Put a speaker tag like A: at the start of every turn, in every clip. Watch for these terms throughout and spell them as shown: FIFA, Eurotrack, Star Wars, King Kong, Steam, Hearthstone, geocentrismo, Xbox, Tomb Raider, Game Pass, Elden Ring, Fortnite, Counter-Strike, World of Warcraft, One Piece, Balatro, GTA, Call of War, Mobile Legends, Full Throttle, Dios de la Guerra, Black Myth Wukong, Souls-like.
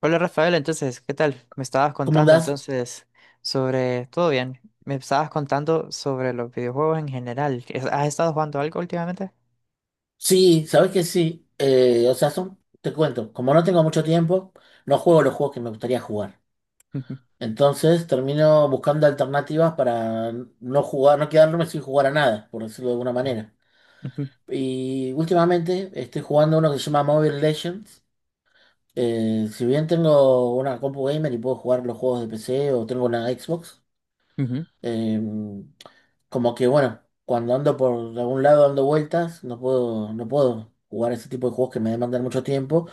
A: Hola Rafael, entonces, ¿qué tal? Me estabas
B: ¿Cómo
A: contando
B: andás?
A: ¿Todo bien? Me estabas contando sobre los videojuegos en general. ¿Es- ¿Has estado jugando algo últimamente?
B: Sí, sabes que sí. O sea, son, te cuento, como no tengo mucho tiempo, no juego los juegos que me gustaría jugar.
A: Ujú,
B: Entonces termino buscando alternativas para no jugar, no quedarme sin jugar a nada, por decirlo de alguna manera.
A: ujú,
B: Y últimamente estoy jugando uno que se llama Mobile Legends. Si bien tengo una compu gamer y puedo jugar los juegos de PC o tengo una Xbox,
A: ujú.
B: Eh, como que bueno, cuando ando por algún lado dando vueltas, no puedo jugar ese tipo de juegos que me demandan mucho tiempo.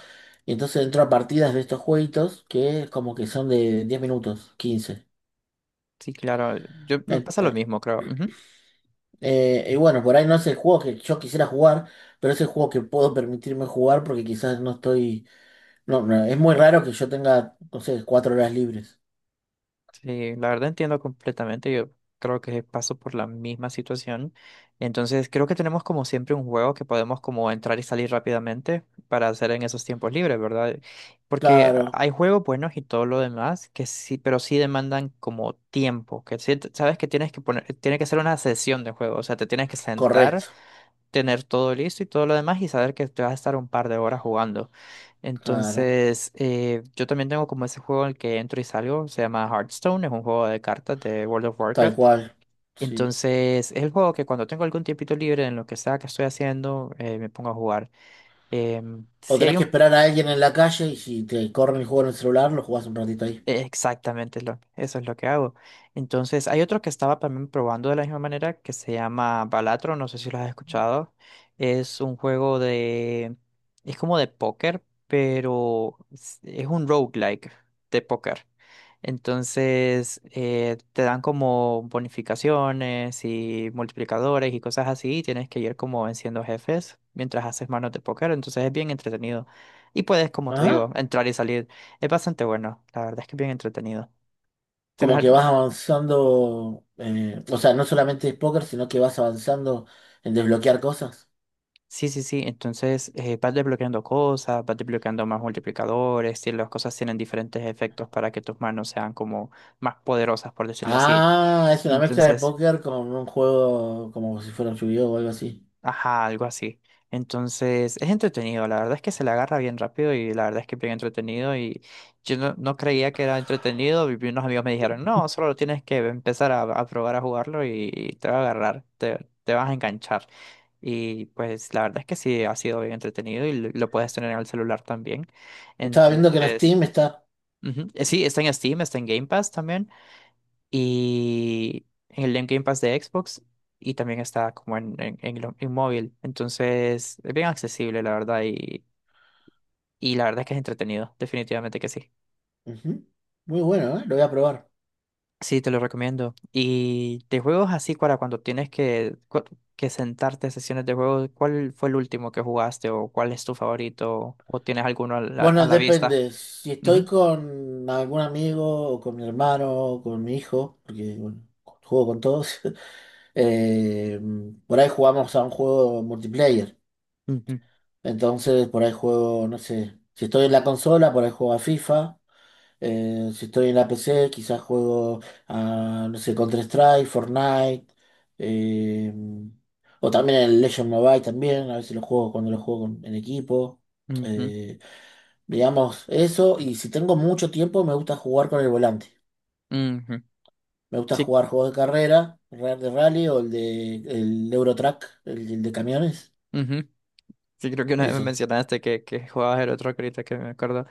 B: Y entonces entro a partidas de estos jueguitos que como que son de 10 minutos, quince.
A: Sí, claro. Yo me
B: Eh,
A: pasa lo
B: eh,
A: mismo, creo.
B: y bueno, por ahí no es el juego que yo quisiera jugar, pero es el juego que puedo permitirme jugar porque quizás no estoy. No, no, es muy raro que yo tenga, no sé, 4 horas libres.
A: Sí, la verdad entiendo completamente. Yo creo que paso por la misma situación. Entonces, creo que tenemos como siempre un juego que podemos como entrar y salir rápidamente para hacer en esos tiempos libres, ¿verdad? Porque
B: Claro,
A: hay juegos buenos y todo lo demás que sí, pero sí demandan como tiempo, que sí- sabes que tienes que poner, tiene que ser una sesión de juego, o sea, te tienes que sentar,
B: correcto,
A: tener todo listo y todo lo demás y saber que te vas a estar un par de horas jugando.
B: claro,
A: Entonces, yo también tengo como ese juego en el que entro y salgo, se llama Hearthstone, es un juego de cartas de World of
B: tal
A: Warcraft.
B: cual. Sí.
A: Entonces, es el juego que cuando tengo algún tiempito libre en lo que sea que estoy haciendo, me pongo a jugar.
B: O
A: Si
B: tenés
A: hay
B: que
A: un
B: esperar a alguien en la calle y si te corren el juego en el celular, lo jugás un ratito ahí.
A: exactamente, es eso es lo que hago. Entonces, hay otro que estaba también probando de la misma manera que se llama Balatro, no sé si lo has escuchado. Es un juego, es como de póker, pero es un roguelike de póker. Entonces, te dan como bonificaciones y multiplicadores y cosas así, y tienes que ir como venciendo jefes mientras haces manos de póker, entonces es bien entretenido. Y puedes, como te
B: Ajá.
A: digo, entrar y salir. Es bastante bueno, la verdad es que es bien entretenido. Tienes
B: Como que vas
A: algo-
B: avanzando, o sea, no solamente es póker, sino que vas avanzando en desbloquear cosas.
A: sí, sí, sí, entonces vas desbloqueando cosas, vas desbloqueando más multiplicadores y las cosas tienen diferentes efectos para que tus manos sean como más poderosas, por decirlo así.
B: Ah, es una mezcla de
A: Entonces,
B: póker con un juego como si fuera un yu o algo así.
A: ajá, algo así. Entonces, es entretenido, la verdad es que se le agarra bien rápido y la verdad es que es bien entretenido y yo no creía que era entretenido y unos amigos me dijeron, no, solo tienes que empezar a probar a jugarlo y te va a agarrar, te vas a enganchar. Y pues la verdad es que sí, ha sido bien entretenido y lo puedes tener en el celular también.
B: Estaba viendo que en
A: Entonces,
B: Steam está...
A: ujú. Sí, está en Steam, está en Game Pass también y el en Game Pass de Xbox y también está como en móvil. Entonces es bien accesible, la verdad, y la verdad es que es entretenido, definitivamente que sí.
B: Ujú. Muy bueno, ¿eh? Lo voy a probar.
A: Sí, te lo recomiendo. Y de juegos así, para cuando tienes que, que sentarte a sesiones de juegos, ¿cuál fue el último que jugaste o cuál es tu favorito o tienes alguno a a
B: Bueno,
A: la vista?
B: depende. Si estoy
A: Ujú,
B: con algún amigo o con mi hermano o con mi hijo, porque bueno, juego con todos. Eh, por ahí jugamos a un juego multiplayer.
A: ujú,
B: Entonces, por ahí juego, no sé, si estoy en la consola, por ahí juego a FIFA. Si estoy en la PC, quizás juego a, no sé, Counter-Strike, Fortnite. eh, o también el Legend Mobile también, a veces lo juego cuando lo juego en equipo.
A: ujú,
B: Eh, digamos, eso. Y si tengo mucho tiempo, me gusta jugar con el volante.
A: ujú.
B: Me gusta jugar juegos de carrera, el de rally o el de el Eurotrack, el de camiones.
A: Sí. Sí, creo que una vez me
B: Esos.
A: mencionaste que jugabas el otro ahorita que me acuerdo.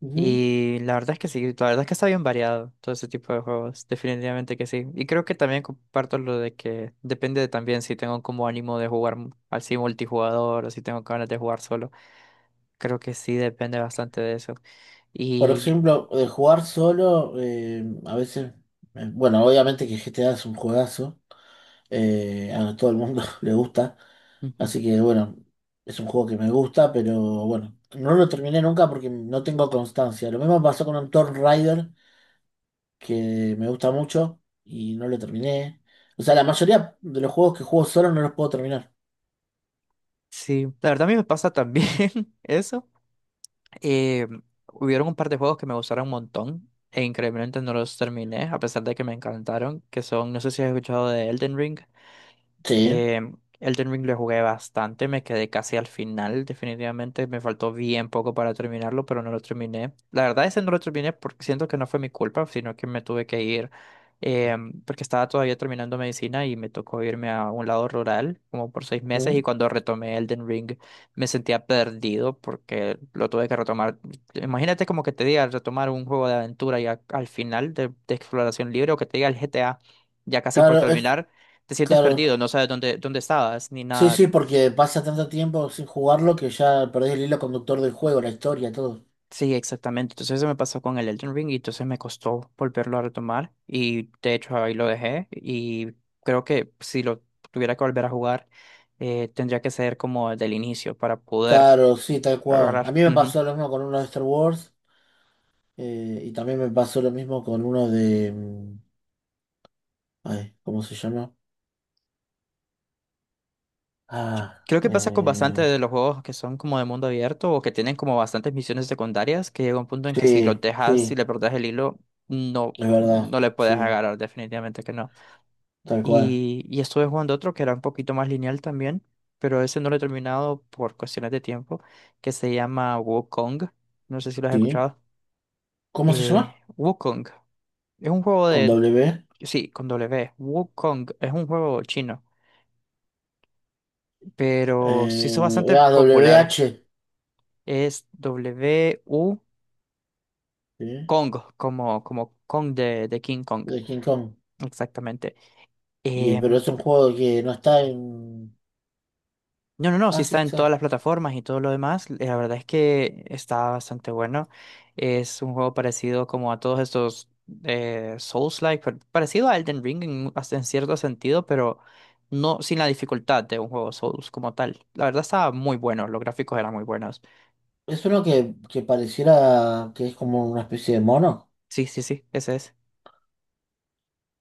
B: Ujú.
A: Y la verdad es que sí, la verdad es que está bien variado todo ese tipo de juegos, definitivamente que sí. Y creo que también comparto lo de que depende de también si tengo como ánimo de jugar así multijugador o si tengo ganas de jugar solo. Creo que sí depende bastante de eso.
B: Por
A: Y
B: ejemplo, de jugar solo, a veces, bueno, obviamente que GTA es un juegazo, a todo el mundo le gusta,
A: ujú,
B: así que bueno, es un juego que me gusta, pero bueno, no lo terminé nunca porque no tengo constancia. Lo mismo pasó con un Tomb Raider, que me gusta mucho y no lo terminé. O sea, la mayoría de los juegos que juego solo no los puedo terminar.
A: sí, la verdad a mí me pasa también eso. Eh, Hubieron un par de juegos que me gustaron un montón e increíblemente no los terminé, a pesar de que me encantaron, que son, no sé si has escuchado de Elden Ring.
B: Sí.
A: Eh, Elden Ring lo jugué bastante, me quedé casi al final, definitivamente me faltó bien poco para terminarlo, pero no lo terminé. La verdad es que no lo terminé porque siento que no fue mi culpa, sino que me tuve que ir eh, porque estaba todavía terminando medicina y me tocó irme a un lado rural como por seis meses
B: Ujú.
A: y cuando retomé Elden Ring me sentía perdido porque lo tuve que retomar. Imagínate como que te diga retomar un juego de aventura ya al final de exploración libre o que te diga el GTA ya casi por
B: Claro, es
A: terminar te sientes perdido,
B: claro.
A: no sabes dónde estabas ni
B: Sí,
A: nada.
B: sí, porque pasa tanto tiempo sin jugarlo que ya perdés el hilo conductor del juego, la historia, todo.
A: Sí, exactamente. Entonces eso me pasó con el Elden Ring y entonces me costó volverlo a retomar y de hecho ahí lo dejé y creo que si lo tuviera que volver a jugar tendría que ser como desde el inicio para poder
B: Claro, sí, tal cual. A
A: agarrar.
B: mí me
A: Ujú.
B: pasó lo mismo con uno de Star Wars y también me pasó lo mismo con uno de... ay, ¿cómo se llama? Ah,
A: Creo que pasa con bastantes
B: eh,
A: de los juegos que son como de mundo abierto o que tienen como bastantes misiones secundarias que llega un punto en que si
B: sí,
A: los dejas, si
B: sí,
A: le perdés el hilo,
B: es verdad,
A: no le puedes
B: sí,
A: agarrar, definitivamente que no.
B: tal cual.
A: Y estuve jugando otro que era un poquito más lineal también, pero ese no lo he terminado por cuestiones de tiempo, que se llama Wukong. No sé si lo has
B: Sí.
A: escuchado.
B: ¿Cómo se llama?
A: Wukong es un juego
B: Con
A: de...
B: W.
A: Sí, con W. Wukong es un juego chino, pero se hizo bastante
B: Ah, W H,
A: popular. Es W-U
B: ¿sí?
A: Kong, como, como Kong de King Kong.
B: De King Kong.
A: Exactamente.
B: Y, pero
A: Em,
B: es un juego que no está en...
A: No, no, no, sí
B: Ah, sí
A: está en todas
B: está.
A: las plataformas y todo lo demás. La verdad es que está bastante bueno. Es un juego parecido como a todos estos Souls-like, pero parecido a Elden Ring hasta en cierto sentido, pero no sin la dificultad de un juego Souls como tal. La verdad estaba muy bueno, los gráficos eran muy buenos.
B: Es uno que pareciera que es como una especie de mono.
A: Sí, sí, sí, ese es.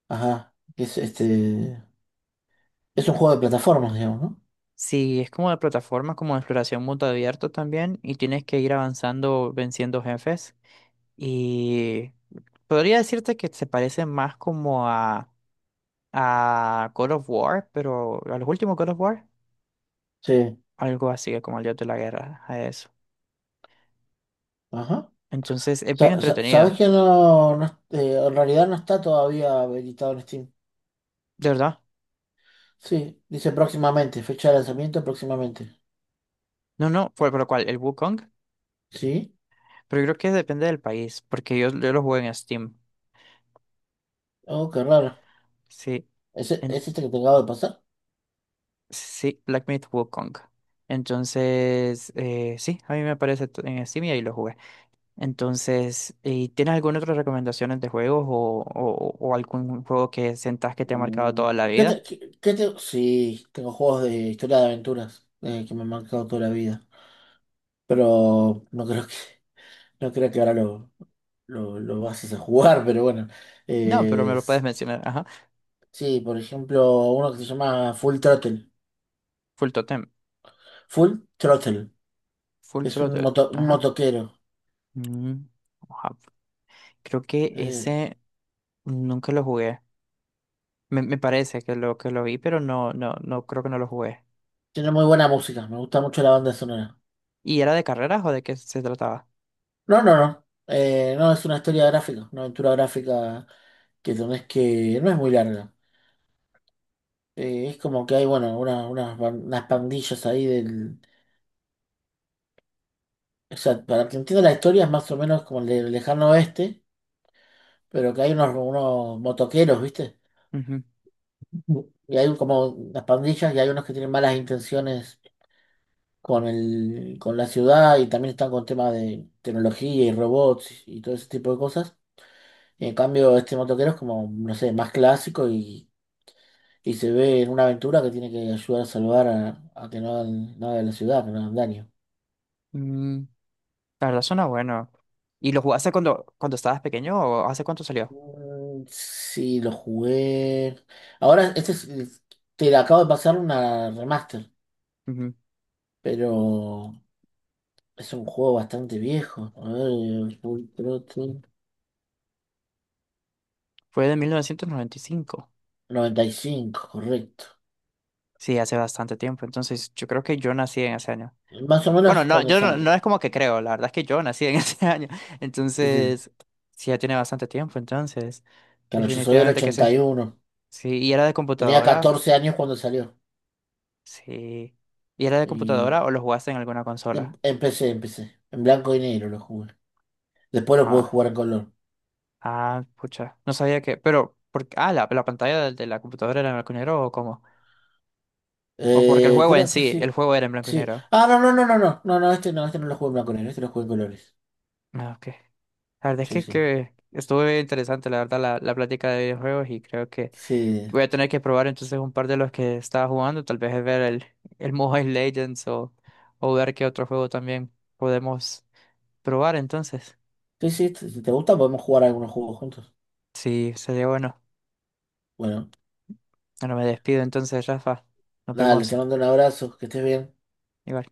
B: Ajá. que Es este. Es un juego de plataformas, digamos, ¿no?
A: Sí, es como de plataforma, como de exploración mundo abierto también, y tienes que ir avanzando, venciendo jefes. Y podría decirte que se parece más como a Call of War, pero a los últimos Call of War,
B: Sí.
A: algo así como el Dios de la Guerra, a eso.
B: Ajá.
A: Entonces es bien entretenido,
B: ¿Sabes que no en realidad no está todavía habilitado en Steam?
A: de verdad.
B: Sí, dice próximamente, fecha de lanzamiento próximamente.
A: No, no, fue por lo cual, el Wukong,
B: ¿Sí?
A: pero yo creo que depende del país, porque yo lo juego en Steam.
B: Oh, qué raro.
A: Sí,
B: ¿Es,
A: en-
B: es este que te acabo de pasar?
A: sí, Black Myth Wukong. Entonces, sí, a mí me aparece en Steam y ahí lo jugué. Entonces, ¿y tienes alguna otra recomendación de juegos o algún juego que sientas que te ha marcado toda la
B: ¿Qué
A: vida?
B: te, qué te- Sí, tengo juegos de historia de aventuras que me han marcado toda la vida. Pero no creo que, no creo que ahora lo vas a hacer jugar, pero bueno.
A: No, pero me lo puedes
B: Es-
A: mencionar, ajá.
B: sí, por ejemplo, uno que se llama Full Throttle.
A: Full Totem.
B: Full Throttle.
A: Full
B: Es un
A: Throttle.
B: moto, un
A: Ajá.
B: motoquero.
A: Mm, oja, Creo que
B: Eh,
A: ese nunca lo jugué. Me parece que lo vi, pero no creo que no lo jugué.
B: tiene muy buena música, me gusta mucho la banda sonora.
A: ¿Y era de carreras o de qué se trataba?
B: No, no, no. No, es una historia gráfica, una aventura gráfica que tenés que... No es muy larga. Es como que hay, bueno, unas, unas pandillas ahí del... O sea, para que entienda la historia es más o menos como el de Lejano Oeste, pero que hay unos, unos motoqueros, ¿viste?
A: Ujú.
B: Y hay como unas pandillas y hay unos que tienen malas intenciones con el, con la ciudad y también están con temas de tecnología y robots y todo ese tipo de cosas. Y en cambio, este motoquero es como, no sé, más clásico y se ve en una aventura que tiene que ayudar a a que no hagan nada de la ciudad, que no hagan daño.
A: Mm, la verdad suena bueno. ¿Y lo jugaste cuando estabas pequeño o hace cuánto salió?
B: Sí, lo jugué. Ahora, este es, te acabo de pasar una remaster,
A: Ujú.
B: pero es un juego bastante viejo. A ver,
A: Fue de 1995.
B: 95 correcto.
A: Sí, hace bastante tiempo. Entonces, yo creo que yo nací en ese año.
B: Más o
A: Bueno,
B: menos
A: no,
B: cuando
A: yo no
B: salió.
A: es como que creo, la verdad es que yo nací en ese año.
B: Sí, sí.
A: Entonces, sí, ya tiene bastante tiempo, entonces,
B: Claro, yo soy del
A: definitivamente que sí.
B: 81.
A: Sí, ¿y era de
B: Tenía
A: computadora?
B: 14 años cuando salió.
A: Sí. ¿Y era de
B: Y
A: computadora o lo jugaste en alguna consola?
B: empecé. En blanco y negro lo jugué. Después lo pude
A: Ah,
B: jugar en color.
A: ah, pucha, no sabía que, pero, ¿por qué? Ah, la pantalla de la computadora era en blanco y negro o cómo? O porque el juego en
B: Creo que
A: sí, el
B: sí.
A: juego era en blanco y
B: Sí.
A: negro.
B: Ah, no, no, no, no, no. No, no, este no, este no lo jugué en blanco y negro, este lo jugué en colores.
A: Ah, ok. La verdad es
B: Sí, sí.
A: que estuvo bien interesante, la verdad, la plática de videojuegos y creo que
B: Sí.
A: voy a tener que probar entonces un par de los que estaba jugando, tal vez ver el Mobile Legends o ver qué otro juego también podemos probar entonces.
B: Sí, sí, si te gusta podemos jugar algunos juegos juntos.
A: Sí, sería bueno.
B: Bueno,
A: Bueno, me despido entonces, Rafa. Nos
B: dale, te
A: vemos.
B: mando un abrazo, que estés bien.
A: Igual.